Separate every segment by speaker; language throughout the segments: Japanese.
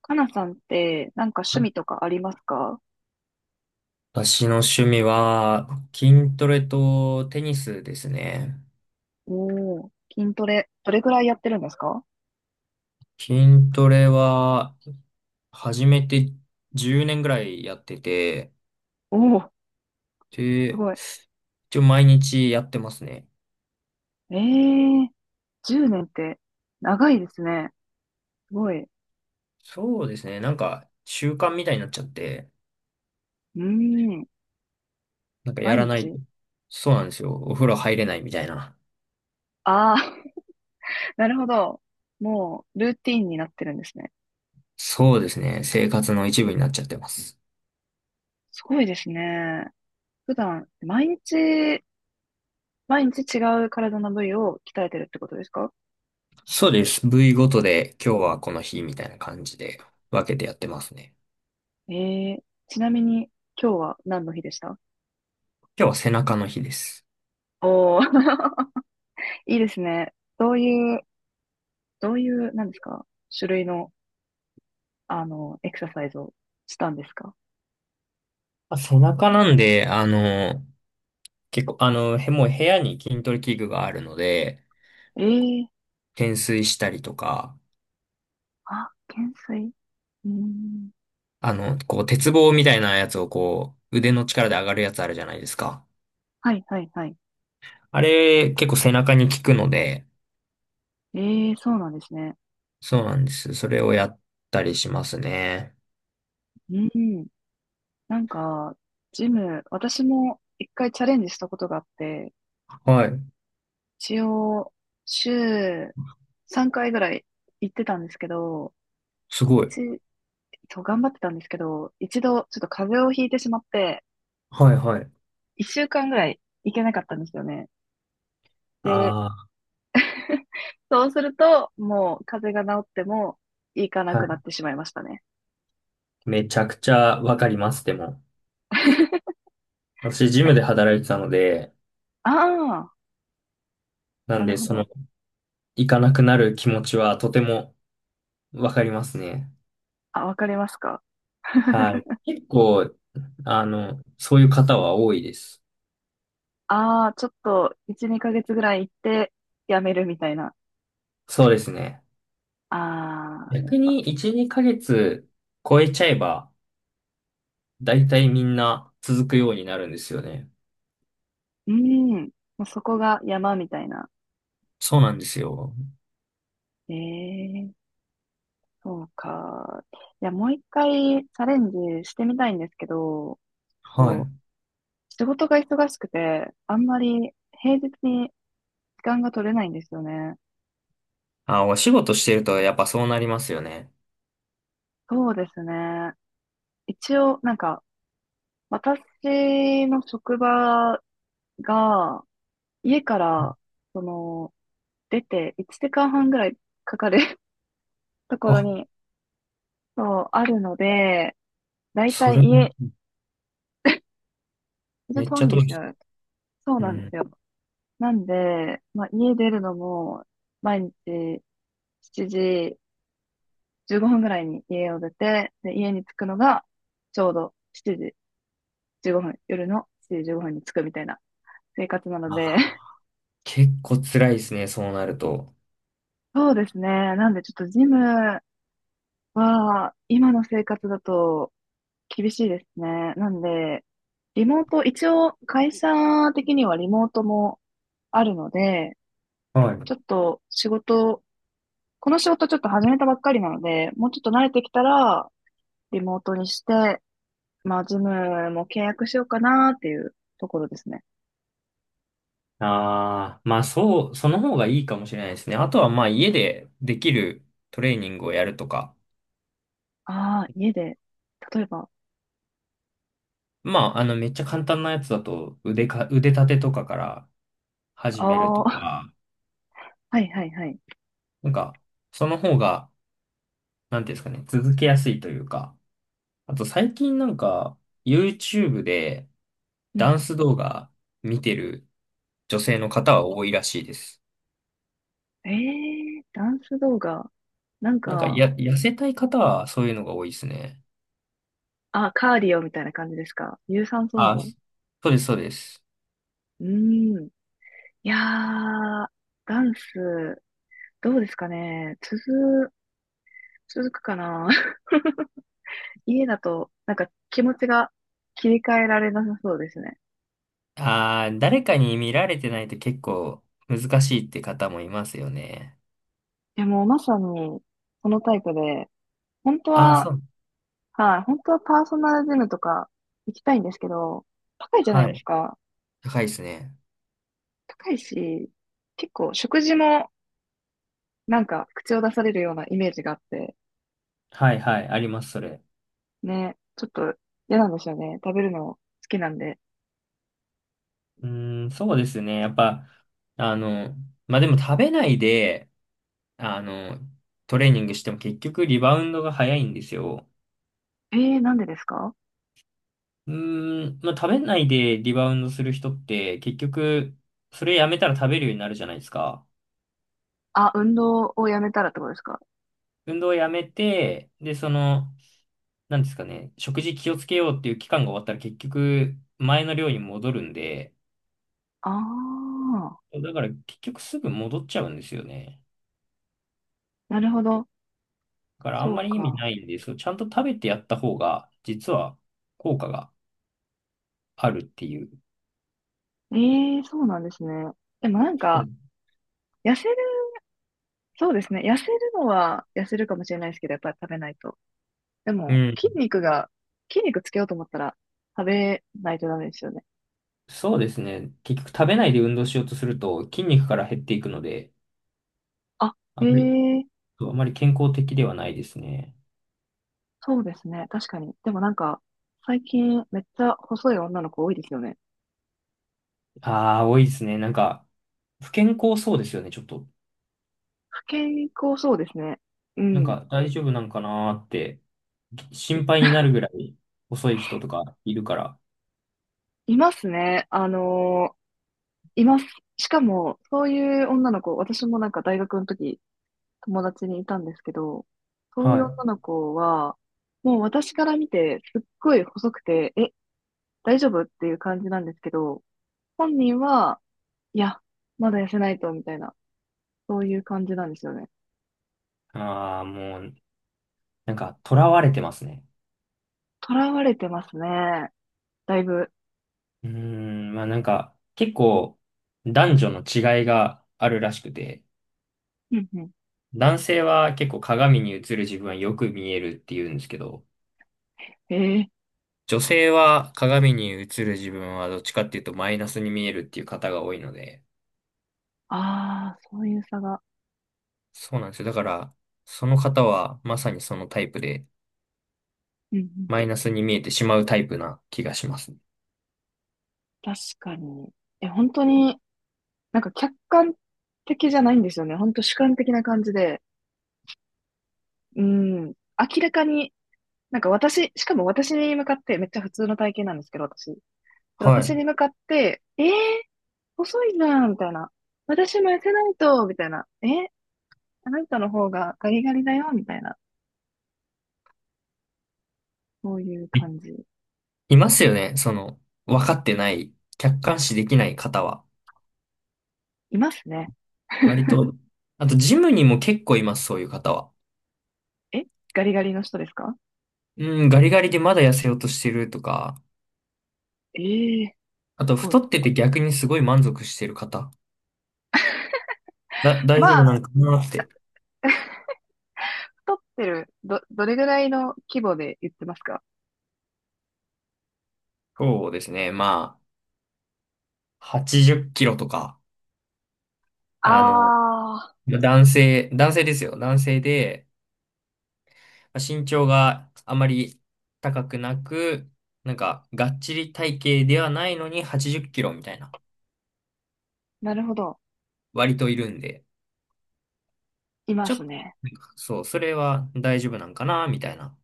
Speaker 1: かなさんって、なんか趣味とかありますか？
Speaker 2: 私の趣味は筋トレとテニスですね。
Speaker 1: おおー、筋トレ、どれぐらいやってるんですか？
Speaker 2: 筋トレは始めて10年ぐらいやってて、
Speaker 1: おおー、す
Speaker 2: で、
Speaker 1: ごい。
Speaker 2: 一応毎日やってますね。
Speaker 1: ええー、10年って、長いですね。すごい。う
Speaker 2: そうですね。なんか習慣みたいになっちゃって、
Speaker 1: ーん、
Speaker 2: なんかや
Speaker 1: 毎
Speaker 2: らない
Speaker 1: 日。
Speaker 2: と。そうなんですよ。お風呂入れないみたいな。
Speaker 1: ああー、なるほど。もう、ルーティンになってるんですね。
Speaker 2: そうですね。生活の一部になっちゃってます。
Speaker 1: すごいですね。普段、毎日、毎日違う体の部位を鍛えてるってことですか？
Speaker 2: そうです。部位ごとで今日はこの日みたいな感じで分けてやってますね。
Speaker 1: ええー、ちなみに、今日は何の日でした？
Speaker 2: 今日は背中の日です。
Speaker 1: おおー、いいですね。どういうどういう、なんですか、種類の、エクササイズをしたんですか？
Speaker 2: まあ、背中なんで、結構、もう部屋に筋トレ器具があるので、
Speaker 1: ええ。
Speaker 2: 懸垂したりとか、
Speaker 1: あ、懸垂。うーん。
Speaker 2: こう、鉄棒みたいなやつをこう、腕の力で上がるやつあるじゃないですか。
Speaker 1: はい、はい、はい。
Speaker 2: あれ、結構背中に効くので、
Speaker 1: ええ、そうなんですね。
Speaker 2: そうなんです。それをやったりしますね。
Speaker 1: うん。なんか、ジム、私も一回チャレンジしたことがあって、
Speaker 2: はい。
Speaker 1: 一応、週3回ぐらい行ってたんですけど、
Speaker 2: すごい。
Speaker 1: 一、そう、頑張ってたんですけど、一度、ちょっと風邪をひいてしまって、
Speaker 2: はいはい。
Speaker 1: 一週間ぐらい行けなかったんですよね。で、
Speaker 2: あ
Speaker 1: そうすると、もう風邪が治っても行かな
Speaker 2: あ、
Speaker 1: く
Speaker 2: は
Speaker 1: なってしまいましたね。
Speaker 2: い。めちゃくちゃわかります、でも。私、ジムで働いてたので、
Speaker 1: ああ、
Speaker 2: な
Speaker 1: な
Speaker 2: ん
Speaker 1: る
Speaker 2: で、
Speaker 1: ほ
Speaker 2: その、
Speaker 1: ど。
Speaker 2: 行かなくなる気持ちはとてもわかりますね。
Speaker 1: あ、わかりますか。
Speaker 2: は い。結構、そういう方は多いです。
Speaker 1: ああ、ちょっと1、2ヶ月ぐらい行ってやめるみたいな。
Speaker 2: そうですね。
Speaker 1: ああ、
Speaker 2: 逆に1、2ヶ月超えちゃえば、だいたいみんな続くようになるんですよね。
Speaker 1: うん。もうそこが山みたいな。
Speaker 2: そうなんですよ。
Speaker 1: ええ、そうか。いや、もう一回チャレンジしてみたいんですけど、
Speaker 2: はい。
Speaker 1: と仕事が忙しくて、あんまり平日に時間が取れないんですよね。
Speaker 2: あ、お仕事してるとやっぱそうなりますよね。
Speaker 1: そうですね。一応、なんか、私の職場が、家から、その、出て1時間半ぐらいかかる ところ
Speaker 2: あ、
Speaker 1: に、そう、あるので、だいた
Speaker 2: そ
Speaker 1: い
Speaker 2: れ、
Speaker 1: 家、ちょっと
Speaker 2: めっ
Speaker 1: 遠
Speaker 2: ち
Speaker 1: い
Speaker 2: ゃ
Speaker 1: んで
Speaker 2: 遠
Speaker 1: す
Speaker 2: い。
Speaker 1: よ。そう
Speaker 2: う
Speaker 1: なんで
Speaker 2: ん。
Speaker 1: すよ。なんで、まあ、家出るのも、毎日7時15分ぐらいに家を出て、で、家に着くのが、ちょうど7時15分、夜の7時15分に着くみたいな生活なので、
Speaker 2: あ、結構辛いですね、そうなると。
Speaker 1: そうですね。なんでちょっとジムは、今の生活だと厳しいですね。なんで、リモート、一応会社的にはリモートもあるので、
Speaker 2: はい。
Speaker 1: ちょっと仕事、この仕事ちょっと始めたばっかりなので、もうちょっと慣れてきたら、リモートにして、まあ、ズムも契約しようかなっていうところですね。
Speaker 2: ああ、まあそう、その方がいいかもしれないですね。あとはまあ家でできるトレーニングをやるとか。
Speaker 1: ああ、家で、例えば、
Speaker 2: まあ、めっちゃ簡単なやつだと、腕立てとかから始めると
Speaker 1: ああ、
Speaker 2: か、
Speaker 1: はいはいはい。
Speaker 2: なんか、その方が、なんていうんですかね、続けやすいというか、あと最近なんか、YouTube で
Speaker 1: うん。
Speaker 2: ダンス動画見てる女性の方は多いらしいです。
Speaker 1: ええー、ダンス動画。なんか、
Speaker 2: 痩せたい方はそういうのが多いですね。
Speaker 1: あ、カーディオみたいな感じですか？有酸素運
Speaker 2: あ、
Speaker 1: 動。
Speaker 2: そうです、そうです。
Speaker 1: うん。いやー、ダンス、どうですかね。続くかな。家だと、なんか気持ちが切り替えられなさそうですね。
Speaker 2: ああ、誰かに見られてないと結構難しいって方もいますよね。
Speaker 1: いや、もうまさに、このタイプで、本当
Speaker 2: あ、
Speaker 1: は、
Speaker 2: そう。
Speaker 1: はい、本当はパーソナルジムとか行きたいんですけど、高いじゃない
Speaker 2: は
Speaker 1: で
Speaker 2: い。
Speaker 1: すか。
Speaker 2: 高いですね。
Speaker 1: 高いし、結構食事もなんか口を出されるようなイメージがあって、
Speaker 2: はいはい、あります、それ。
Speaker 1: ね、ちょっと嫌なんですよね。食べるの好きなんで。
Speaker 2: うーん、そうですね。やっぱ、あの、まあ、でも食べないで、あの、トレーニングしても結局リバウンドが早いんですよ。
Speaker 1: えー、なんでですか？
Speaker 2: うーん、まあ、食べないでリバウンドする人って結局、それやめたら食べるようになるじゃないですか。
Speaker 1: あ、運動をやめたらってことですか？
Speaker 2: 運動をやめて、で、その、なんですかね、食事気をつけようっていう期間が終わったら結局、前の量に戻るんで、
Speaker 1: ああ、
Speaker 2: だから結局すぐ戻っちゃうんですよね。
Speaker 1: なるほど。
Speaker 2: だからあ
Speaker 1: そ
Speaker 2: ん
Speaker 1: う
Speaker 2: まり意味
Speaker 1: か。
Speaker 2: ないんですよ。ちゃんと食べてやった方が、実は効果があるっていう。
Speaker 1: ええ、そうなんですね。でもなん
Speaker 2: そう
Speaker 1: か、
Speaker 2: です
Speaker 1: 痩せる、そうですね。痩せるのは痩せるかもしれないですけど、やっぱり食べないと。で
Speaker 2: う
Speaker 1: も、筋
Speaker 2: ん。
Speaker 1: 肉が、筋肉つけようと思ったら、食べないとダメですよね。
Speaker 2: そうですね。結局食べないで運動しようとすると筋肉から減っていくので、
Speaker 1: あ、え
Speaker 2: あんまり、
Speaker 1: え、
Speaker 2: そうあまり健康的ではないですね。
Speaker 1: そうですね。確かに。でもなんか、最近めっちゃ細い女の子多いですよね。
Speaker 2: ああ、多いですね。なんか、不健康そうですよね、ちょっと。
Speaker 1: 不健康そうですね。う
Speaker 2: なん
Speaker 1: ん。
Speaker 2: か大丈夫なんかなーって心配になるぐらい遅い人とかいるから。
Speaker 1: いますね。います。しかも、そういう女の子、私もなんか大学の時友達にいたんですけど、そうい
Speaker 2: は
Speaker 1: う
Speaker 2: い。
Speaker 1: 女の子は、もう私から見てすっごい細くて、え、大丈夫っていう感じなんですけど、本人は、いや、まだ痩せないと、みたいな、そういう感じなんですよね。
Speaker 2: ああ、もう、なんか囚われてますね。
Speaker 1: 囚われてますね。だいぶ。
Speaker 2: うーん、まあなんか結構男女の違いがあるらしくて、
Speaker 1: うんうん。
Speaker 2: 男性は結構鏡に映る自分はよく見えるって言うんですけど、
Speaker 1: ええ、
Speaker 2: 女性は鏡に映る自分はどっちかっていうとマイナスに見えるっていう方が多いので、
Speaker 1: ああー、そういう差が。
Speaker 2: そうなんですよ。だから、その方はまさにそのタイプで、
Speaker 1: うんうん。
Speaker 2: マイナスに見えてしまうタイプな気がします。
Speaker 1: 確かに。え、本当に、なんか客観的じゃないんですよね。本当主観的な感じで。うん。明らかに、なんか私、しかも私に向かって、めっちゃ普通の体型なんですけど、私。で
Speaker 2: は
Speaker 1: 私に向かって、えー、細いじゃん、みたいな。私も痩せないと、みたいな。えー、あなたの方がガリガリだよ、みたいな。そういう
Speaker 2: い。い
Speaker 1: 感じ。
Speaker 2: いますよね。その、分かってない、客観視できない方は。
Speaker 1: いますね。
Speaker 2: 割と、あとジムにも結構います、そういう方は。
Speaker 1: え、ガリガリの人ですか？
Speaker 2: うん、ガリガリでまだ痩せようとしてるとか、
Speaker 1: えー、す
Speaker 2: あと
Speaker 1: ごい。
Speaker 2: 太ってて逆にすごい満足してる方、大丈夫
Speaker 1: ま
Speaker 2: なん
Speaker 1: あ、
Speaker 2: かなって。
Speaker 1: 太ってる、どれぐらいの規模で言ってますか？
Speaker 2: そうですね。まあ、80キロとか、あの、
Speaker 1: あ
Speaker 2: 男性ですよ。男性で、まあ身長があまり高くなく、なんか、がっちり体型ではないのに80キロみたいな、
Speaker 1: ー、なるほど。
Speaker 2: 割といるんで、
Speaker 1: いま
Speaker 2: ちょっ
Speaker 1: す
Speaker 2: と、
Speaker 1: ね。
Speaker 2: なんかそう、それは大丈夫なんかな、みたいな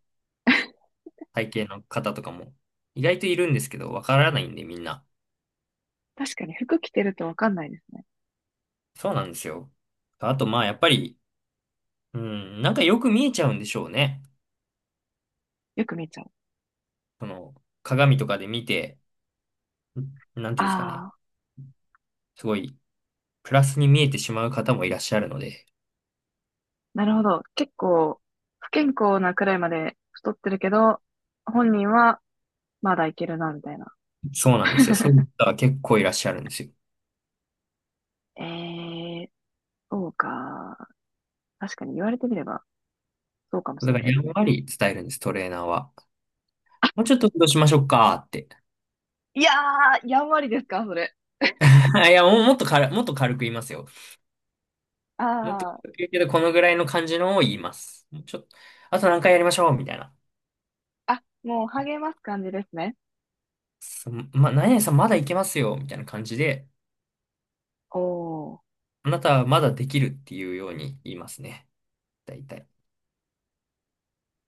Speaker 2: 体型の方とかも、意外といるんですけど、わからないんで、みんな。
Speaker 1: 確かに服着てるとわかんないですね。
Speaker 2: そうなんですよ。あと、まあ、やっぱり、うん、なんかよく見えちゃうんでしょうね。
Speaker 1: よく見ちゃう。
Speaker 2: その、鏡とかで見て、んなんていうんですかね。
Speaker 1: あー。
Speaker 2: すごい、プラスに見えてしまう方もいらっしゃるので、
Speaker 1: なるほど。結構、不健康なくらいまで太ってるけど、本人はまだいけるな、みたいな。
Speaker 2: そうなんですよ。そういう方は結構いらっしゃるんですよ。
Speaker 1: えー、そうか。確かに言われてみれば、そうかもし
Speaker 2: だ
Speaker 1: れ
Speaker 2: か
Speaker 1: な
Speaker 2: ら、
Speaker 1: い
Speaker 2: や
Speaker 1: で
Speaker 2: ん
Speaker 1: すね。
Speaker 2: わり伝えるんです、トレーナーは。もうちょっと運動しましょうかって。
Speaker 1: いやー、やんわりですか、それ。
Speaker 2: いや、もっと軽く言いますよ。
Speaker 1: あ
Speaker 2: もっと
Speaker 1: ー、
Speaker 2: 軽く言うけど、このぐらいの感じのを言います。もうちょっと、あと何回やりましょうみたいな。
Speaker 1: あ、もう励ます感じですね。
Speaker 2: そま、何々さんまだいけますよみたいな感じで、
Speaker 1: おー。
Speaker 2: あなたはまだできるっていうように言いますね。大体。